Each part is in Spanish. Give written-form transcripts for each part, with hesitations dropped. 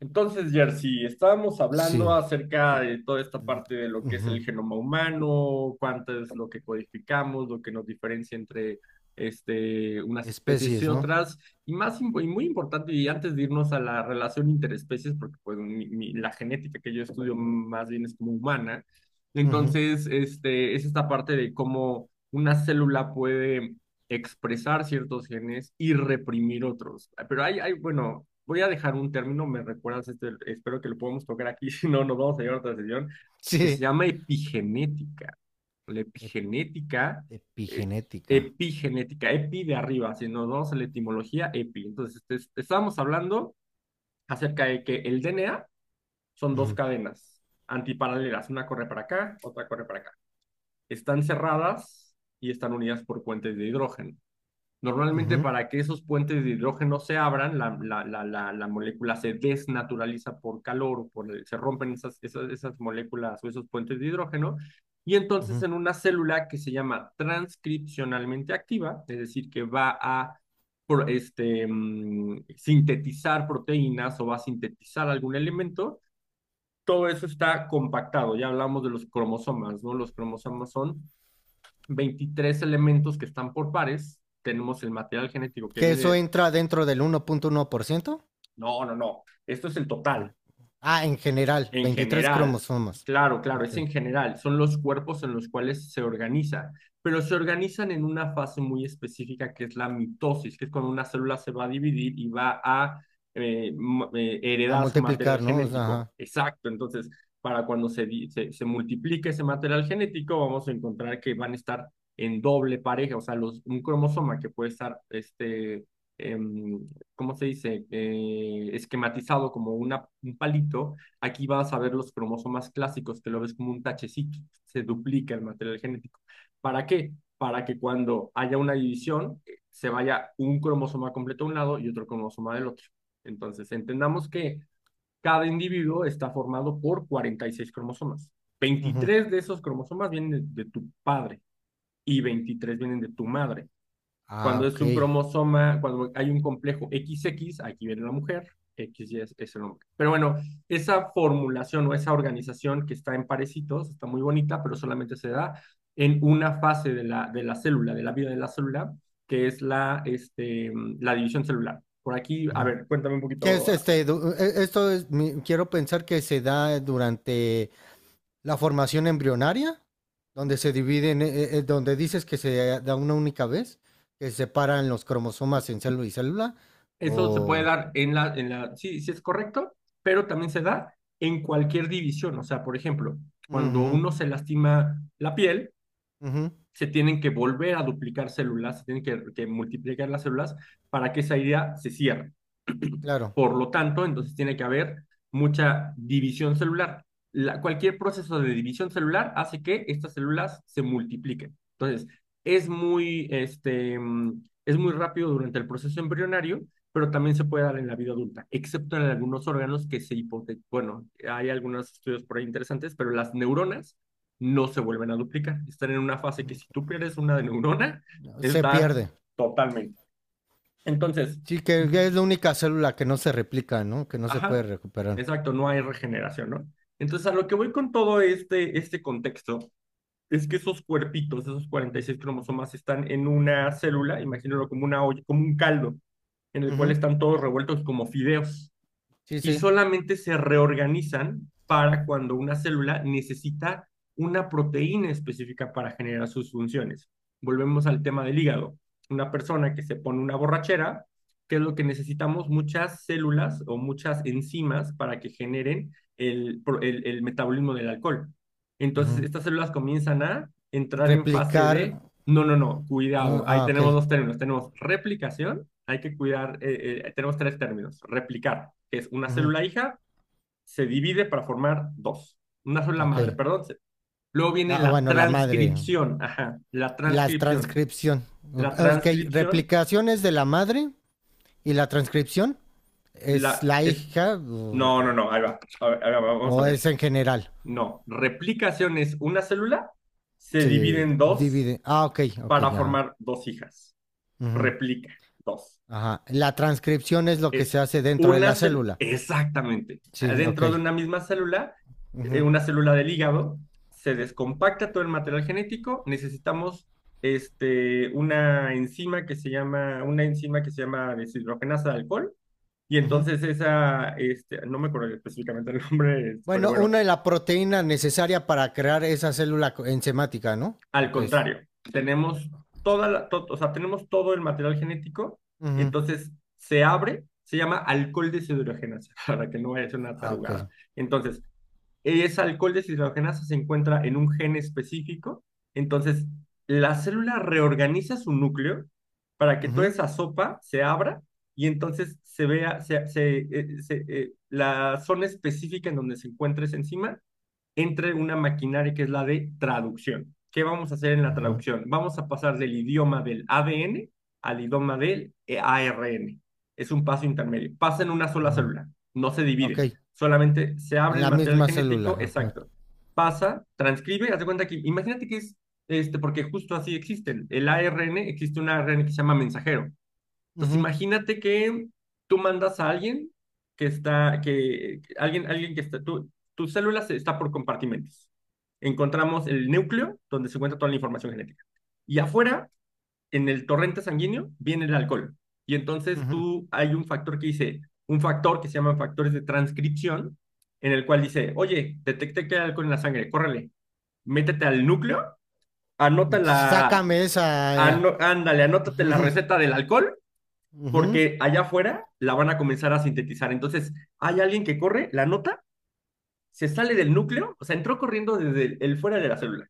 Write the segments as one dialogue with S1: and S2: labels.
S1: Entonces, Jersey, estábamos
S2: Sí.
S1: hablando acerca de toda esta parte de lo que es
S2: Ujú.
S1: el genoma humano, cuánto es lo que codificamos, lo que nos diferencia entre unas especies y
S2: Especies, ¿no?
S1: otras, y más y muy importante, y antes de irnos a la relación interespecies, porque pues la genética que yo estudio más bien es como humana,
S2: Ujú.
S1: entonces es esta parte de cómo una célula puede expresar ciertos genes y reprimir otros. Ah, pero hay, bueno, voy a dejar un término, me recuerdas, espero que lo podamos tocar aquí, si no, nos vamos a llevar a otra sesión, que se
S2: Sí.
S1: llama epigenética. La
S2: Ep-
S1: epigenética, eh,
S2: Epigenética.
S1: epigenética, epi de arriba, si nos vamos a la etimología, epi. Entonces, estábamos hablando acerca de que el DNA son dos
S2: Ujú,
S1: cadenas antiparalelas, una corre para acá, otra corre para acá. Están cerradas y están unidas por puentes de hidrógeno. Normalmente
S2: ujú,
S1: para que esos puentes de hidrógeno se abran, la molécula se desnaturaliza por calor, o por se rompen esas moléculas o esos puentes de hidrógeno, y entonces
S2: ujú.
S1: en una célula que se llama transcripcionalmente activa, es decir, que va a sintetizar proteínas o va a sintetizar algún elemento, todo eso está compactado. Ya hablamos de los cromosomas, ¿no? Los cromosomas son 23 elementos que están por pares, tenemos el material genético que
S2: ¿Que eso
S1: viene,
S2: entra dentro del 1.1%?
S1: no, no, no, esto es el
S2: Mm.
S1: total.
S2: Ah, en general,
S1: En
S2: 23
S1: general,
S2: cromosomas.
S1: claro, claro,
S2: Ok.
S1: es en general, son los cuerpos en los cuales se organizan, pero se organizan en una fase muy específica que es la mitosis, que es cuando una célula se va a dividir y va a
S2: A
S1: heredar su material
S2: multiplicar, ¿no? O sea,
S1: genético.
S2: ajá.
S1: Exacto, entonces, para cuando se multiplique ese material genético, vamos a encontrar que van a estar en doble pareja, o sea, un cromosoma que puede estar, em, ¿cómo se dice? Esquematizado como un palito. Aquí vas a ver los cromosomas clásicos, que lo ves como un tachecito, se duplica el material genético. ¿Para qué? Para que cuando haya una división, se vaya un cromosoma completo a un lado y otro cromosoma del otro. Entonces, entendamos que cada individuo está formado por 46 cromosomas.
S2: Ujú.
S1: 23 de esos cromosomas vienen de tu padre y 23 vienen de tu madre.
S2: Ah,
S1: Cuando es
S2: ok.
S1: un cromosoma, cuando hay un complejo XX, aquí viene la mujer, XY es el hombre. Pero bueno, esa formulación o esa organización que está en parecitos está muy bonita, pero solamente se da en una fase de de la célula, de la vida de la célula, que es la división celular. Por aquí, a
S2: Ujú.
S1: ver, cuéntame un
S2: ¿Qué es
S1: poquito.
S2: este? Quiero pensar que se da durante la formación embrionaria, donde se dividen, donde dices que se da una única vez, que separan los cromosomas en célula y célula,
S1: Eso se puede
S2: o...
S1: dar sí, sí es correcto, pero también se da en cualquier división. O sea, por ejemplo, cuando
S2: Ujú,
S1: uno se lastima la piel,
S2: ujú,
S1: se tienen que volver a duplicar células, se tienen que multiplicar las células para que esa idea se cierre.
S2: claro,
S1: Por lo tanto, entonces tiene que haber mucha división celular. Cualquier proceso de división celular hace que estas células se multipliquen. Entonces, es muy rápido durante el proceso embrionario, pero también se puede dar en la vida adulta, excepto en algunos órganos que se hipotecan. Bueno, hay algunos estudios por ahí interesantes, pero las neuronas no se vuelven a duplicar. Están en una fase que si tú pierdes una neurona,
S2: se
S1: está
S2: pierde.
S1: totalmente. Entonces,
S2: Sí, que es la única célula que no se replica, ¿no? Que no se puede
S1: ajá,
S2: recuperar.
S1: exacto, no hay regeneración, ¿no? Entonces, a lo que voy con todo este contexto es que esos cuerpitos, esos 46 cromosomas, están en una célula, imagínalo como una olla, como un caldo, en el cual
S2: Ujú,
S1: están todos revueltos como fideos
S2: sí,
S1: y
S2: sí.
S1: solamente se reorganizan para cuando una célula necesita una proteína específica para generar sus funciones. Volvemos al tema del hígado. Una persona que se pone una borrachera, ¿qué es lo que necesitamos? Muchas células o muchas enzimas para que generen el metabolismo del alcohol. Entonces,
S2: Ujú.
S1: estas células comienzan a entrar en fase
S2: Replicar...
S1: de, no, no, no,
S2: No,
S1: cuidado, ahí
S2: ah, ok.
S1: tenemos dos términos, tenemos replicación. Hay que cuidar, tenemos tres términos. Replicar, que es una
S2: Ujú,
S1: célula hija, se divide para formar dos. Una sola madre,
S2: ok.
S1: perdón. Luego viene
S2: Ah,
S1: la
S2: bueno, la madre.
S1: transcripción, ajá, la
S2: Y la
S1: transcripción.
S2: transcripción.
S1: La
S2: Ok,
S1: transcripción,
S2: replicaciones de la madre y la transcripción. ¿Es
S1: la
S2: la
S1: es...
S2: hija
S1: no, no,
S2: o,
S1: no, ahí va. A ver, ahí va, vamos a
S2: o es
S1: ver.
S2: en general?
S1: No, replicación es una célula, se divide
S2: Se
S1: en dos
S2: divide. Ah, ok, ok,
S1: para
S2: ajá.
S1: formar dos hijas.
S2: Ujú,
S1: Replica, dos.
S2: ajá. La transcripción es lo que se
S1: Es
S2: hace dentro de
S1: una
S2: la
S1: célula,
S2: célula.
S1: exactamente,
S2: Sí, ok.
S1: dentro de una misma célula,
S2: Ujú,
S1: una célula del hígado, se descompacta todo el material genético, necesitamos una enzima que se llama, una enzima que se llama deshidrogenasa de alcohol, y
S2: ujú.
S1: entonces esa, no me acuerdo específicamente el nombre, pero
S2: Bueno,
S1: bueno,
S2: una es la proteína necesaria para crear esa célula enzimática, ¿no?
S1: al
S2: Ok.
S1: contrario,
S2: O-
S1: tenemos toda la, o sea, tenemos todo el material genético,
S2: Ujú,
S1: entonces se abre, se llama alcohol deshidrogenasa, para que no vaya a ser una
S2: ah, ok.
S1: tarugada. Entonces, ese alcohol deshidrogenasa se encuentra en un gen específico, entonces la célula reorganiza su núcleo para que toda
S2: Ujú,
S1: esa sopa se abra y entonces se vea se, se, se, la zona específica en donde se encuentra esa enzima entre una maquinaria que es la de traducción. ¿Qué vamos a hacer en la
S2: ujú,
S1: traducción? Vamos a pasar del idioma del ADN al idioma del ARN. Es un paso intermedio. Pasa en una sola
S2: ujú,
S1: célula, no se
S2: ok.
S1: divide, solamente se abre
S2: En
S1: el
S2: la
S1: material
S2: misma célula.
S1: genético
S2: Ajá,
S1: exacto. Pasa, transcribe, haz de cuenta que, imagínate que es, porque justo así existen. El ARN, existe un ARN que se llama mensajero. Entonces,
S2: ujú,
S1: imagínate que tú mandas a alguien que está, que alguien, alguien que está, tu célula está por compartimentos. Encontramos el núcleo, donde se encuentra toda la información genética. Y afuera, en el torrente sanguíneo, viene el alcohol. Y entonces
S2: ujú.
S1: hay un factor que dice, un factor que se llaman factores de transcripción, en el cual dice, oye, detecté que hay alcohol en la sangre, córrele, métete al núcleo, anota la,
S2: Sácame esa.
S1: ándale, anótate la
S2: Ujú,
S1: receta del alcohol
S2: ujú,
S1: porque allá afuera la van a comenzar a sintetizar. Entonces, hay alguien que corre, la nota se sale del núcleo, o sea, entró corriendo desde el fuera de la célula,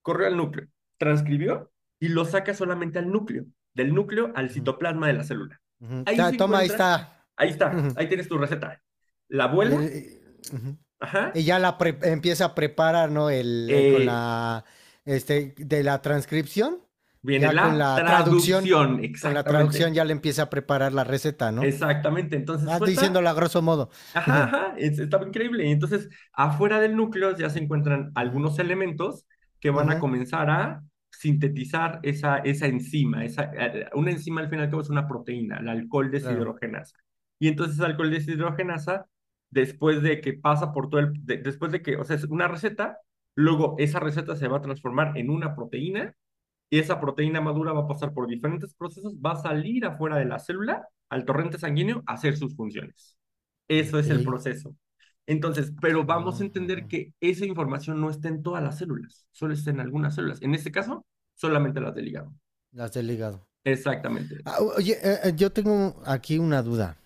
S1: corrió al núcleo, transcribió y lo saca solamente al núcleo, del núcleo al
S2: ujú.
S1: citoplasma de la célula.
S2: Ujú.
S1: Ahí
S2: Ya,
S1: se
S2: toma, ahí
S1: encuentra,
S2: está.
S1: ahí está,
S2: Ujú.
S1: ahí tienes tu receta. La
S2: Y,
S1: abuela,
S2: y- Ujú.
S1: ajá,
S2: Y ya la empieza a preparar, ¿no? El, con
S1: eh,
S2: la, de la transcripción,
S1: viene
S2: ya
S1: la traducción,
S2: con la traducción
S1: exactamente,
S2: ya le empieza a preparar la receta, ¿no?
S1: exactamente. Entonces,
S2: Vas
S1: suelta.
S2: diciéndola a grosso modo.
S1: Ajá,
S2: Ujú.
S1: ajá, estaba increíble. Y entonces, afuera del núcleo ya se encuentran
S2: Ujú.
S1: algunos elementos que van a
S2: Ujú.
S1: comenzar a sintetizar esa, esa enzima. Esa, una enzima al final que es una proteína, la alcohol
S2: Claro.
S1: deshidrogenasa. Y entonces, el alcohol deshidrogenasa, después de que pasa por todo el, después de que, o sea, es una receta, luego esa receta se va a transformar en una proteína y esa proteína madura va a pasar por diferentes procesos, va a salir afuera de la célula al torrente sanguíneo a hacer sus funciones. Eso
S2: Ok.
S1: es el proceso. Entonces, pero vamos a
S2: Ujú.
S1: entender que esa información no está en todas las células, solo está en algunas células. En este caso, solamente las del hígado.
S2: Las del hígado.
S1: Exactamente.
S2: Ah, oye, yo tengo aquí una duda.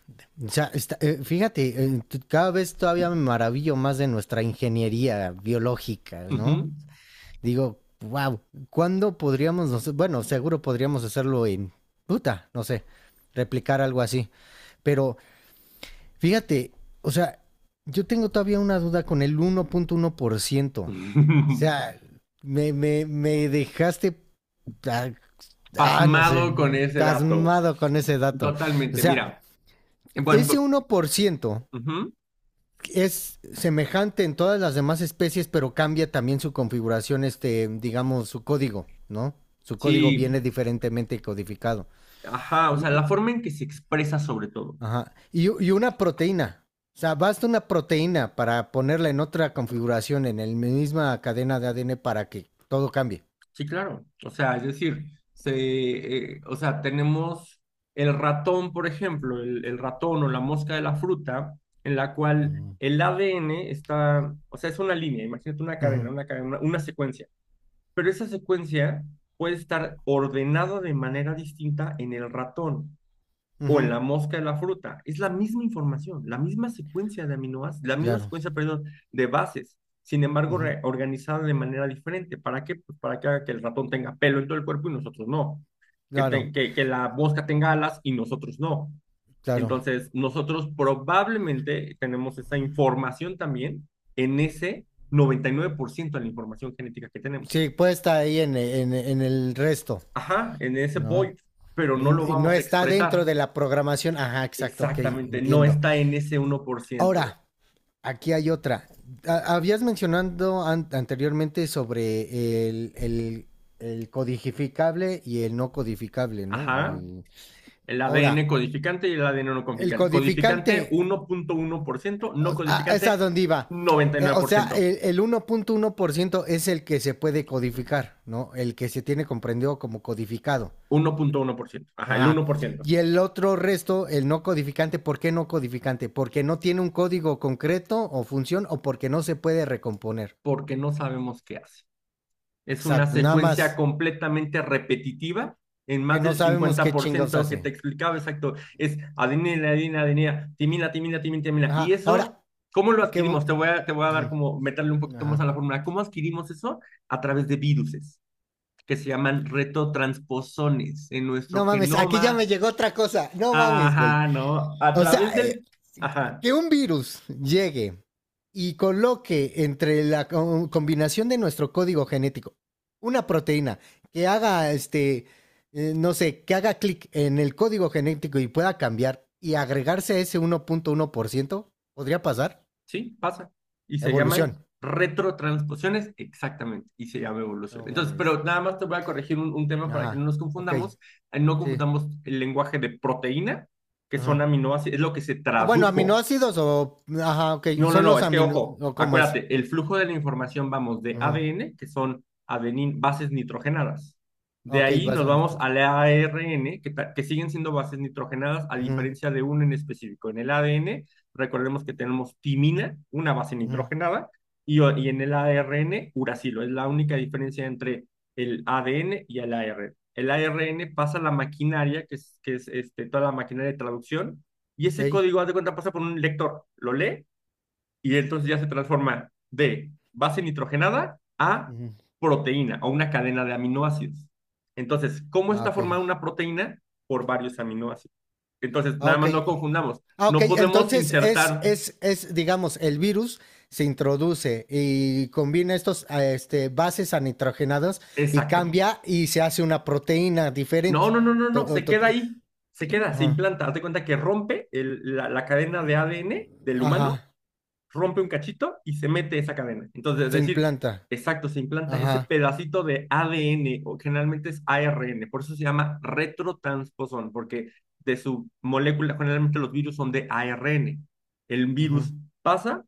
S2: O sea, fíjate, cada vez todavía me maravillo más de nuestra ingeniería biológica,
S1: Ujú.
S2: ¿no? Digo, wow, ¿cuándo podríamos, bueno, seguro podríamos hacerlo en puta, no sé, replicar algo así. Pero fíjate, o sea, yo tengo todavía una duda con el uno uno punto uno por ciento. O sea, me dejaste ah, no sé,
S1: Pasmado con ese dato.
S2: tasmado con ese dato. O
S1: Totalmente,
S2: sea,
S1: mira. Bueno,
S2: ese 1%
S1: ujú.
S2: es semejante en todas las demás especies, pero cambia también su configuración, este, digamos, su código, ¿no? Su código
S1: Sí,
S2: viene diferentemente codificado.
S1: ajá, o sea,
S2: Y,
S1: la forma en que se expresa sobre todo.
S2: ajá. Y una proteína. O sea, basta una proteína para ponerla en otra configuración, en la misma cadena de ADN, para que todo cambie.
S1: Sí, claro. O sea, es decir, o sea, tenemos el ratón, por ejemplo, el ratón o la mosca de la fruta, en la cual
S2: Mm.
S1: el ADN está, o sea, es una línea, imagínate una cadena,
S2: Ujú,
S1: una secuencia. Pero esa secuencia puede estar ordenada de manera distinta en el ratón o en
S2: ujú,
S1: la mosca de la fruta. Es la misma información, la misma secuencia de aminoácidos, la misma
S2: claro,
S1: secuencia, perdón, de bases. Sin embargo,
S2: ujú,
S1: organizada de manera diferente. ¿Para qué? Pues para que haga que el ratón tenga pelo en todo el cuerpo y nosotros no.
S2: claro,
S1: Que la mosca tenga alas y nosotros no.
S2: claro.
S1: Entonces, nosotros probablemente tenemos esa información también en ese 99% de la información genética que tenemos.
S2: Sí, puede estar ahí en el resto,
S1: Ajá, en ese
S2: ¿no?
S1: void, pero no lo
S2: Y no
S1: vamos a
S2: está dentro
S1: expresar.
S2: de la programación. Ajá, exacto, ok,
S1: Exactamente, no
S2: entiendo.
S1: está en ese 1%.
S2: Ahora, aquí hay otra. Habías mencionado an anteriormente sobre el, codificable y el no codificable, ¿no?
S1: Ajá.
S2: El...
S1: El ADN
S2: Ahora,
S1: codificante y el ADN no
S2: el
S1: codificante. Codificante
S2: codificante,
S1: 1.1%, no
S2: es a
S1: codificante
S2: donde iba.
S1: noventa y nueve
S2: O
S1: por
S2: sea,
S1: ciento.
S2: el uno uno punto uno por ciento es el que se puede codificar, ¿no? El que se tiene comprendido como codificado.
S1: 1.1%. Ajá, el uno
S2: Ajá.
S1: por ciento,
S2: Y el otro resto, el no codificante, ¿por qué no codificante? Porque no tiene un código concreto o función o porque no se puede recomponer.
S1: porque no sabemos qué hace. Es una
S2: Exacto, nada
S1: secuencia
S2: más
S1: completamente repetitiva en
S2: que
S1: más
S2: no
S1: del
S2: sabemos
S1: cincuenta
S2: qué
S1: por
S2: chingados
S1: ciento que te
S2: hace.
S1: explicaba, exacto, es adenina, adenina, adenina, timina, timina, timina, timina.
S2: Ajá,
S1: Y eso,
S2: ahora,
S1: ¿cómo lo
S2: ¿a qué?
S1: adquirimos? Te voy a dar
S2: Ujú,
S1: como, meterle un poquito más a
S2: ajá.
S1: la fórmula. ¿Cómo adquirimos eso? A través de viruses, que se llaman retotransposones en nuestro
S2: No mames, aquí ya
S1: genoma.
S2: me llegó otra cosa. No mames, güey.
S1: Ajá, ¿no? A
S2: O sea,
S1: través del... Ajá.
S2: que un virus llegue y coloque entre la combinación de nuestro código genético una proteína que haga no sé, que haga clic en el código genético y pueda cambiar y agregarse a ese 1.1% podría pasar.
S1: Sí, pasa. Y se
S2: Evolución.
S1: llaman retrotransposiciones, exactamente, y se llama evolución.
S2: No
S1: Entonces,
S2: mames.
S1: pero nada más te voy a corregir un tema para que no
S2: Ajá.
S1: nos
S2: Ok.
S1: confundamos. No
S2: Sí.
S1: confundamos el lenguaje de proteína, que son
S2: Ajá.
S1: aminoácidos, es lo que se
S2: Ah, bueno,
S1: tradujo.
S2: aminoácidos o. Ajá, ok.
S1: no, no,
S2: Son
S1: no,
S2: los
S1: es que
S2: amino.
S1: ojo,
S2: ¿O cómo es?
S1: acuérdate, el flujo de la información vamos de
S2: Ajá.
S1: ADN, que son adenin, bases nitrogenadas. De
S2: Ok,
S1: ahí
S2: vas
S1: nos
S2: a.
S1: vamos al ARN, que siguen siendo bases nitrogenadas, a
S2: Ujú,
S1: diferencia de uno en específico. En el ADN, recordemos que tenemos timina, una base
S2: ujú.
S1: nitrogenada, y en el ARN, uracilo. Es la única diferencia entre el ADN y el ARN. El ARN pasa la maquinaria, toda la maquinaria de traducción, y
S2: Ok.
S1: ese código, haz de cuenta, pasa por un lector, lo lee y entonces ya se transforma de base nitrogenada a
S2: Ujú.
S1: proteína o una cadena de aminoácidos. Entonces, ¿cómo
S2: Ah,
S1: está
S2: ok.
S1: formada una proteína? Por varios aminoácidos. Entonces,
S2: Ah,
S1: nada
S2: ok.
S1: más no confundamos,
S2: Ah, ok.
S1: no podemos
S2: Entonces es,
S1: insertar.
S2: es, es, digamos, el virus se introduce y combina estos bases a y
S1: Exacto.
S2: cambia y se hace una proteína
S1: No,
S2: diferente.
S1: no, no, no,
S2: To-
S1: no,
S2: to-
S1: se queda
S2: to-
S1: ahí, se queda, se
S2: ajá.
S1: implanta. Haz de cuenta que rompe la cadena de ADN del humano,
S2: Ajá.
S1: rompe un cachito y se mete esa cadena. Entonces, es
S2: Se
S1: decir,
S2: implanta.
S1: exacto, se implanta ese
S2: Ajá.
S1: pedacito de ADN, o generalmente es ARN, por eso se llama retrotransposón, porque de su molécula, generalmente los virus son de ARN. El
S2: Ujú.
S1: virus pasa,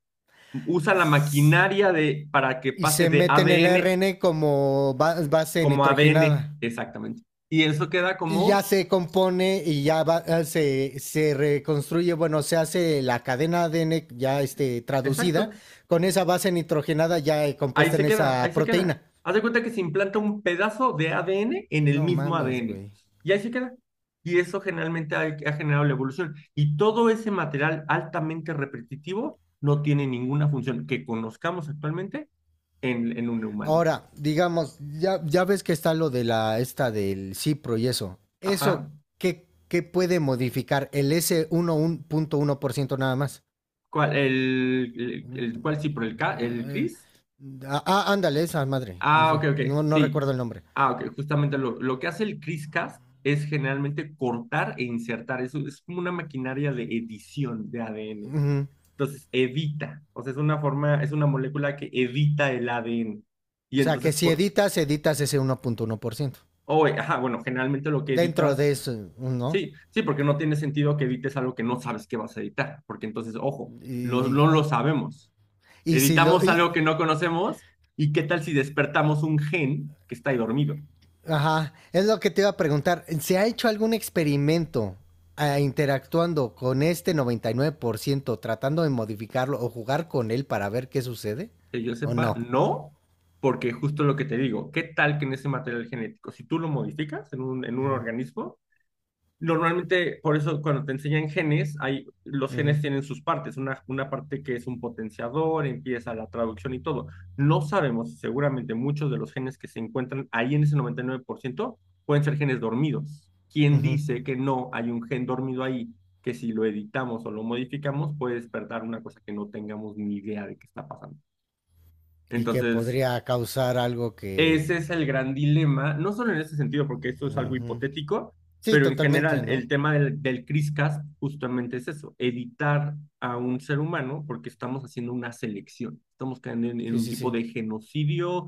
S1: usa la
S2: S-
S1: maquinaria de, para que
S2: Y
S1: pase
S2: se
S1: de
S2: mete en el
S1: ADN
S2: ARN como base
S1: como ADN,
S2: nitrogenada.
S1: exactamente. Y eso queda
S2: Y ya
S1: como,
S2: se compone y ya se reconstruye, bueno, se hace la cadena ADN ya traducida
S1: exacto.
S2: con esa base nitrogenada ya
S1: Ahí
S2: compuesta en
S1: se queda, ahí
S2: esa
S1: se queda.
S2: proteína.
S1: Haz de cuenta que se implanta un pedazo de ADN en el
S2: No
S1: mismo
S2: mames,
S1: ADN.
S2: güey.
S1: Y ahí se queda. Y eso generalmente ha generado la evolución. Y todo ese material altamente repetitivo no tiene ninguna función que conozcamos actualmente en un humano.
S2: Ahora, digamos, ya, ya ves que está lo de la esta del Cipro y eso.
S1: Ajá.
S2: ¿Eso qué puede modificar? El s 1% nada más.
S1: ¿Cuál, cuál sí,
S2: Mm,
S1: por el, el
S2: eh,
S1: CRISPR?
S2: Ah, ándale, esa madre, no
S1: Ah, ok,
S2: sé,
S1: ok.
S2: no, no
S1: Sí.
S2: recuerdo el nombre.
S1: Ah, ok. Justamente lo que hace el CRISPR-Cas es generalmente cortar e insertar. Eso es como una maquinaria de edición de ADN.
S2: Ujú.
S1: Entonces evita, o sea, es una forma, es una molécula que evita el ADN.
S2: O
S1: Y
S2: sea, que
S1: entonces,
S2: si
S1: pues,
S2: editas ese uno uno punto uno por ciento
S1: o, ajá, bueno, generalmente lo que
S2: dentro de
S1: evitas,
S2: eso, ¿no?
S1: sí, sí, porque no tiene sentido que evites algo que no sabes que vas a editar, porque entonces, ojo,
S2: Y,
S1: no
S2: y-
S1: lo sabemos.
S2: y si lo...
S1: Editamos algo que no conocemos y qué tal si despertamos un gen que está ahí dormido.
S2: Ajá, es lo que te iba a preguntar. ¿Se ha hecho algún experimento interactuando con este 99% tratando de modificarlo o jugar con él para ver qué sucede?
S1: Que yo
S2: ¿O
S1: sepa,
S2: no?
S1: no, porque justo lo que te digo, ¿qué tal que en ese material genético, si tú lo modificas en un
S2: Ujú,
S1: organismo? Normalmente, por eso cuando te enseñan genes, hay, los
S2: ujú,
S1: genes tienen sus partes, una parte que es un potenciador, empieza la traducción y todo. No sabemos, seguramente muchos de los genes que se encuentran ahí en ese 99% pueden ser genes dormidos. ¿Quién
S2: ujú.
S1: dice que no hay un gen dormido ahí que si lo editamos o lo modificamos puede despertar una cosa que no tengamos ni idea de qué está pasando?
S2: Y que
S1: Entonces,
S2: podría causar algo
S1: ese
S2: que...
S1: es el gran dilema, no solo en ese sentido, porque esto es algo
S2: Ujú.
S1: hipotético,
S2: Sí,
S1: pero en
S2: totalmente,
S1: general
S2: ¿no?
S1: el tema del CRISCAS justamente es eso, editar a un ser humano porque estamos haciendo una selección, estamos cayendo en
S2: Sí,
S1: un
S2: sí,
S1: tipo
S2: sí.
S1: de genocidio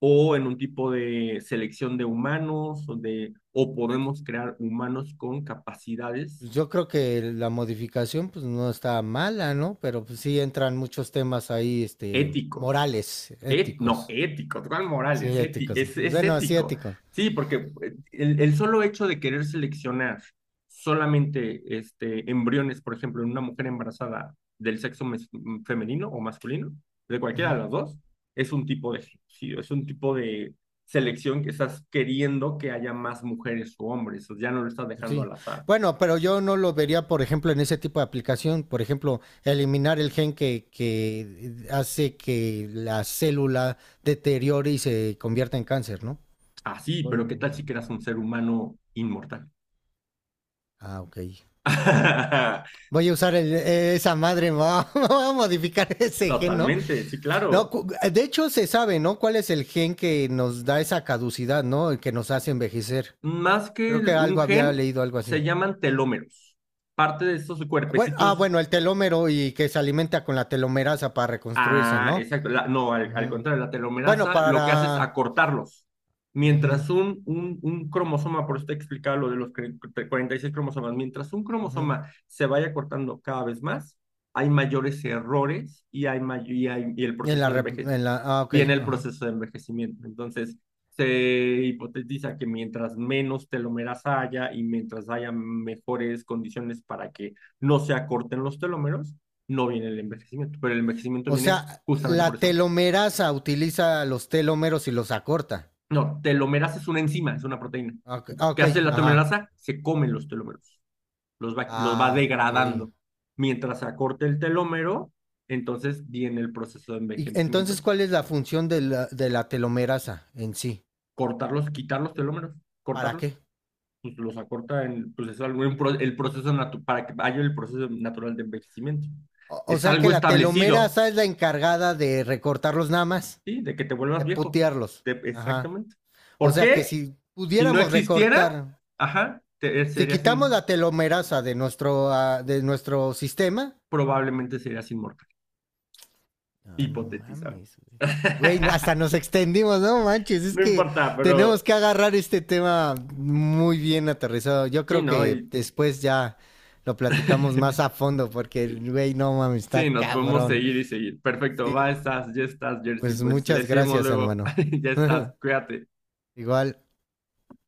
S1: o en un tipo de selección de humanos o podemos crear humanos con capacidades
S2: Pues yo creo que la modificación, pues, no está mala, ¿no? Pero, pues, sí entran muchos temas ahí, este,
S1: éticos
S2: morales,
S1: No,
S2: éticos.
S1: ético, ¿cuál
S2: Sí,
S1: Morales?
S2: éticos.
S1: Es
S2: Bueno, sí,
S1: ético.
S2: éticos.
S1: Sí, porque el solo hecho de querer seleccionar solamente este, embriones, por ejemplo, en una mujer embarazada del sexo femenino o masculino, de cualquiera
S2: Ujú,
S1: de las dos, es un tipo de genocidio, es un tipo de selección que estás queriendo que haya más mujeres o hombres, ya no lo estás dejando
S2: sí.
S1: al azar.
S2: Bueno, pero yo no lo vería, por ejemplo, en ese tipo de aplicación. Por ejemplo, eliminar el gen que hace que la célula deteriore y se convierta en cáncer, ¿no?
S1: Ah, sí,
S2: Bueno,
S1: pero ¿qué tal si creas un ser humano inmortal?
S2: ah, ok. Voy a usar esa madre, me voy a modificar ese gen, ¿no?
S1: Totalmente, sí,
S2: No,
S1: claro.
S2: de hecho se sabe, ¿no? ¿Cuál es el gen que nos da esa caducidad, ¿no? El que nos hace envejecer.
S1: Más que
S2: Creo que
S1: un
S2: algo había
S1: gen,
S2: leído, algo así.
S1: se llaman telómeros. Parte de estos
S2: Bueno, ah,
S1: cuerpecitos,
S2: bueno, el telómero y que se alimenta con la telomerasa para reconstruirse,
S1: ah,
S2: ¿no?
S1: exacto, no, al
S2: Ujú.
S1: contrario, la
S2: Bueno,
S1: telomerasa lo que hace es
S2: para...
S1: acortarlos.
S2: ujú,
S1: Mientras un cromosoma, por eso te explicaba lo de los 46 cromosomas, mientras un
S2: ujú.
S1: cromosoma se vaya cortando cada vez más, hay mayores errores y, hay may- y, hay- y el proceso de
S2: En la... Ah, ok.
S1: viene el
S2: Ajá.
S1: proceso de envejecimiento. Entonces, se hipotetiza que mientras menos telómeras haya y mientras haya mejores condiciones para que no se acorten los telómeros, no viene el envejecimiento, pero el envejecimiento
S2: O
S1: viene
S2: sea,
S1: justamente por
S2: la
S1: eso.
S2: telomerasa utiliza los telómeros y los acorta.
S1: No, telomerasa es una enzima, es una proteína.
S2: Ah, ok, ah, ok,
S1: ¿Qué hace la
S2: ajá.
S1: telomerasa? Se comen los telómeros, los va
S2: Ah, ok.
S1: degradando. Mientras se acorte el telómero, entonces viene el proceso de
S2: Y
S1: envejecimiento.
S2: entonces, ¿cuál es la función de la telomerasa en sí?
S1: Cortarlos, quitar los telómeros,
S2: ¿Para
S1: cortarlos.
S2: qué?
S1: Pues los acorta en, el para que haya el proceso natural de envejecimiento.
S2: O, o
S1: Es
S2: sea que
S1: algo
S2: la telomera
S1: establecido,
S2: esa es la encargada de recortarlos nada más,
S1: ¿sí? De que te vuelvas
S2: de
S1: viejo.
S2: putearlos.
S1: De-
S2: Ajá.
S1: exactamente.
S2: O
S1: ¿Por
S2: sea que
S1: qué?
S2: si
S1: Si no
S2: pudiéramos
S1: existiera,
S2: recortar,
S1: ajá,
S2: si
S1: serías
S2: quitamos la telomerasa de nuestro sistema.
S1: probablemente serías inmortal,
S2: No, no
S1: hipotetizando.
S2: mames, güey. Güey, hasta nos extendimos, no manches. Es
S1: No
S2: que
S1: importa, pero
S2: tenemos que agarrar este tema muy bien aterrizado. Yo
S1: sí,
S2: creo
S1: ¿no?
S2: que
S1: Y...
S2: después ya lo platicamos más a fondo porque, güey, no mames, está
S1: Sí, nos podemos
S2: cabrón.
S1: seguir y seguir. Perfecto,
S2: Sí,
S1: va, estás, ya estás, Jersey.
S2: pues
S1: Pues le
S2: muchas
S1: seguimos
S2: gracias,
S1: luego.
S2: hermano.
S1: Ya estás, cuídate.
S2: Igual.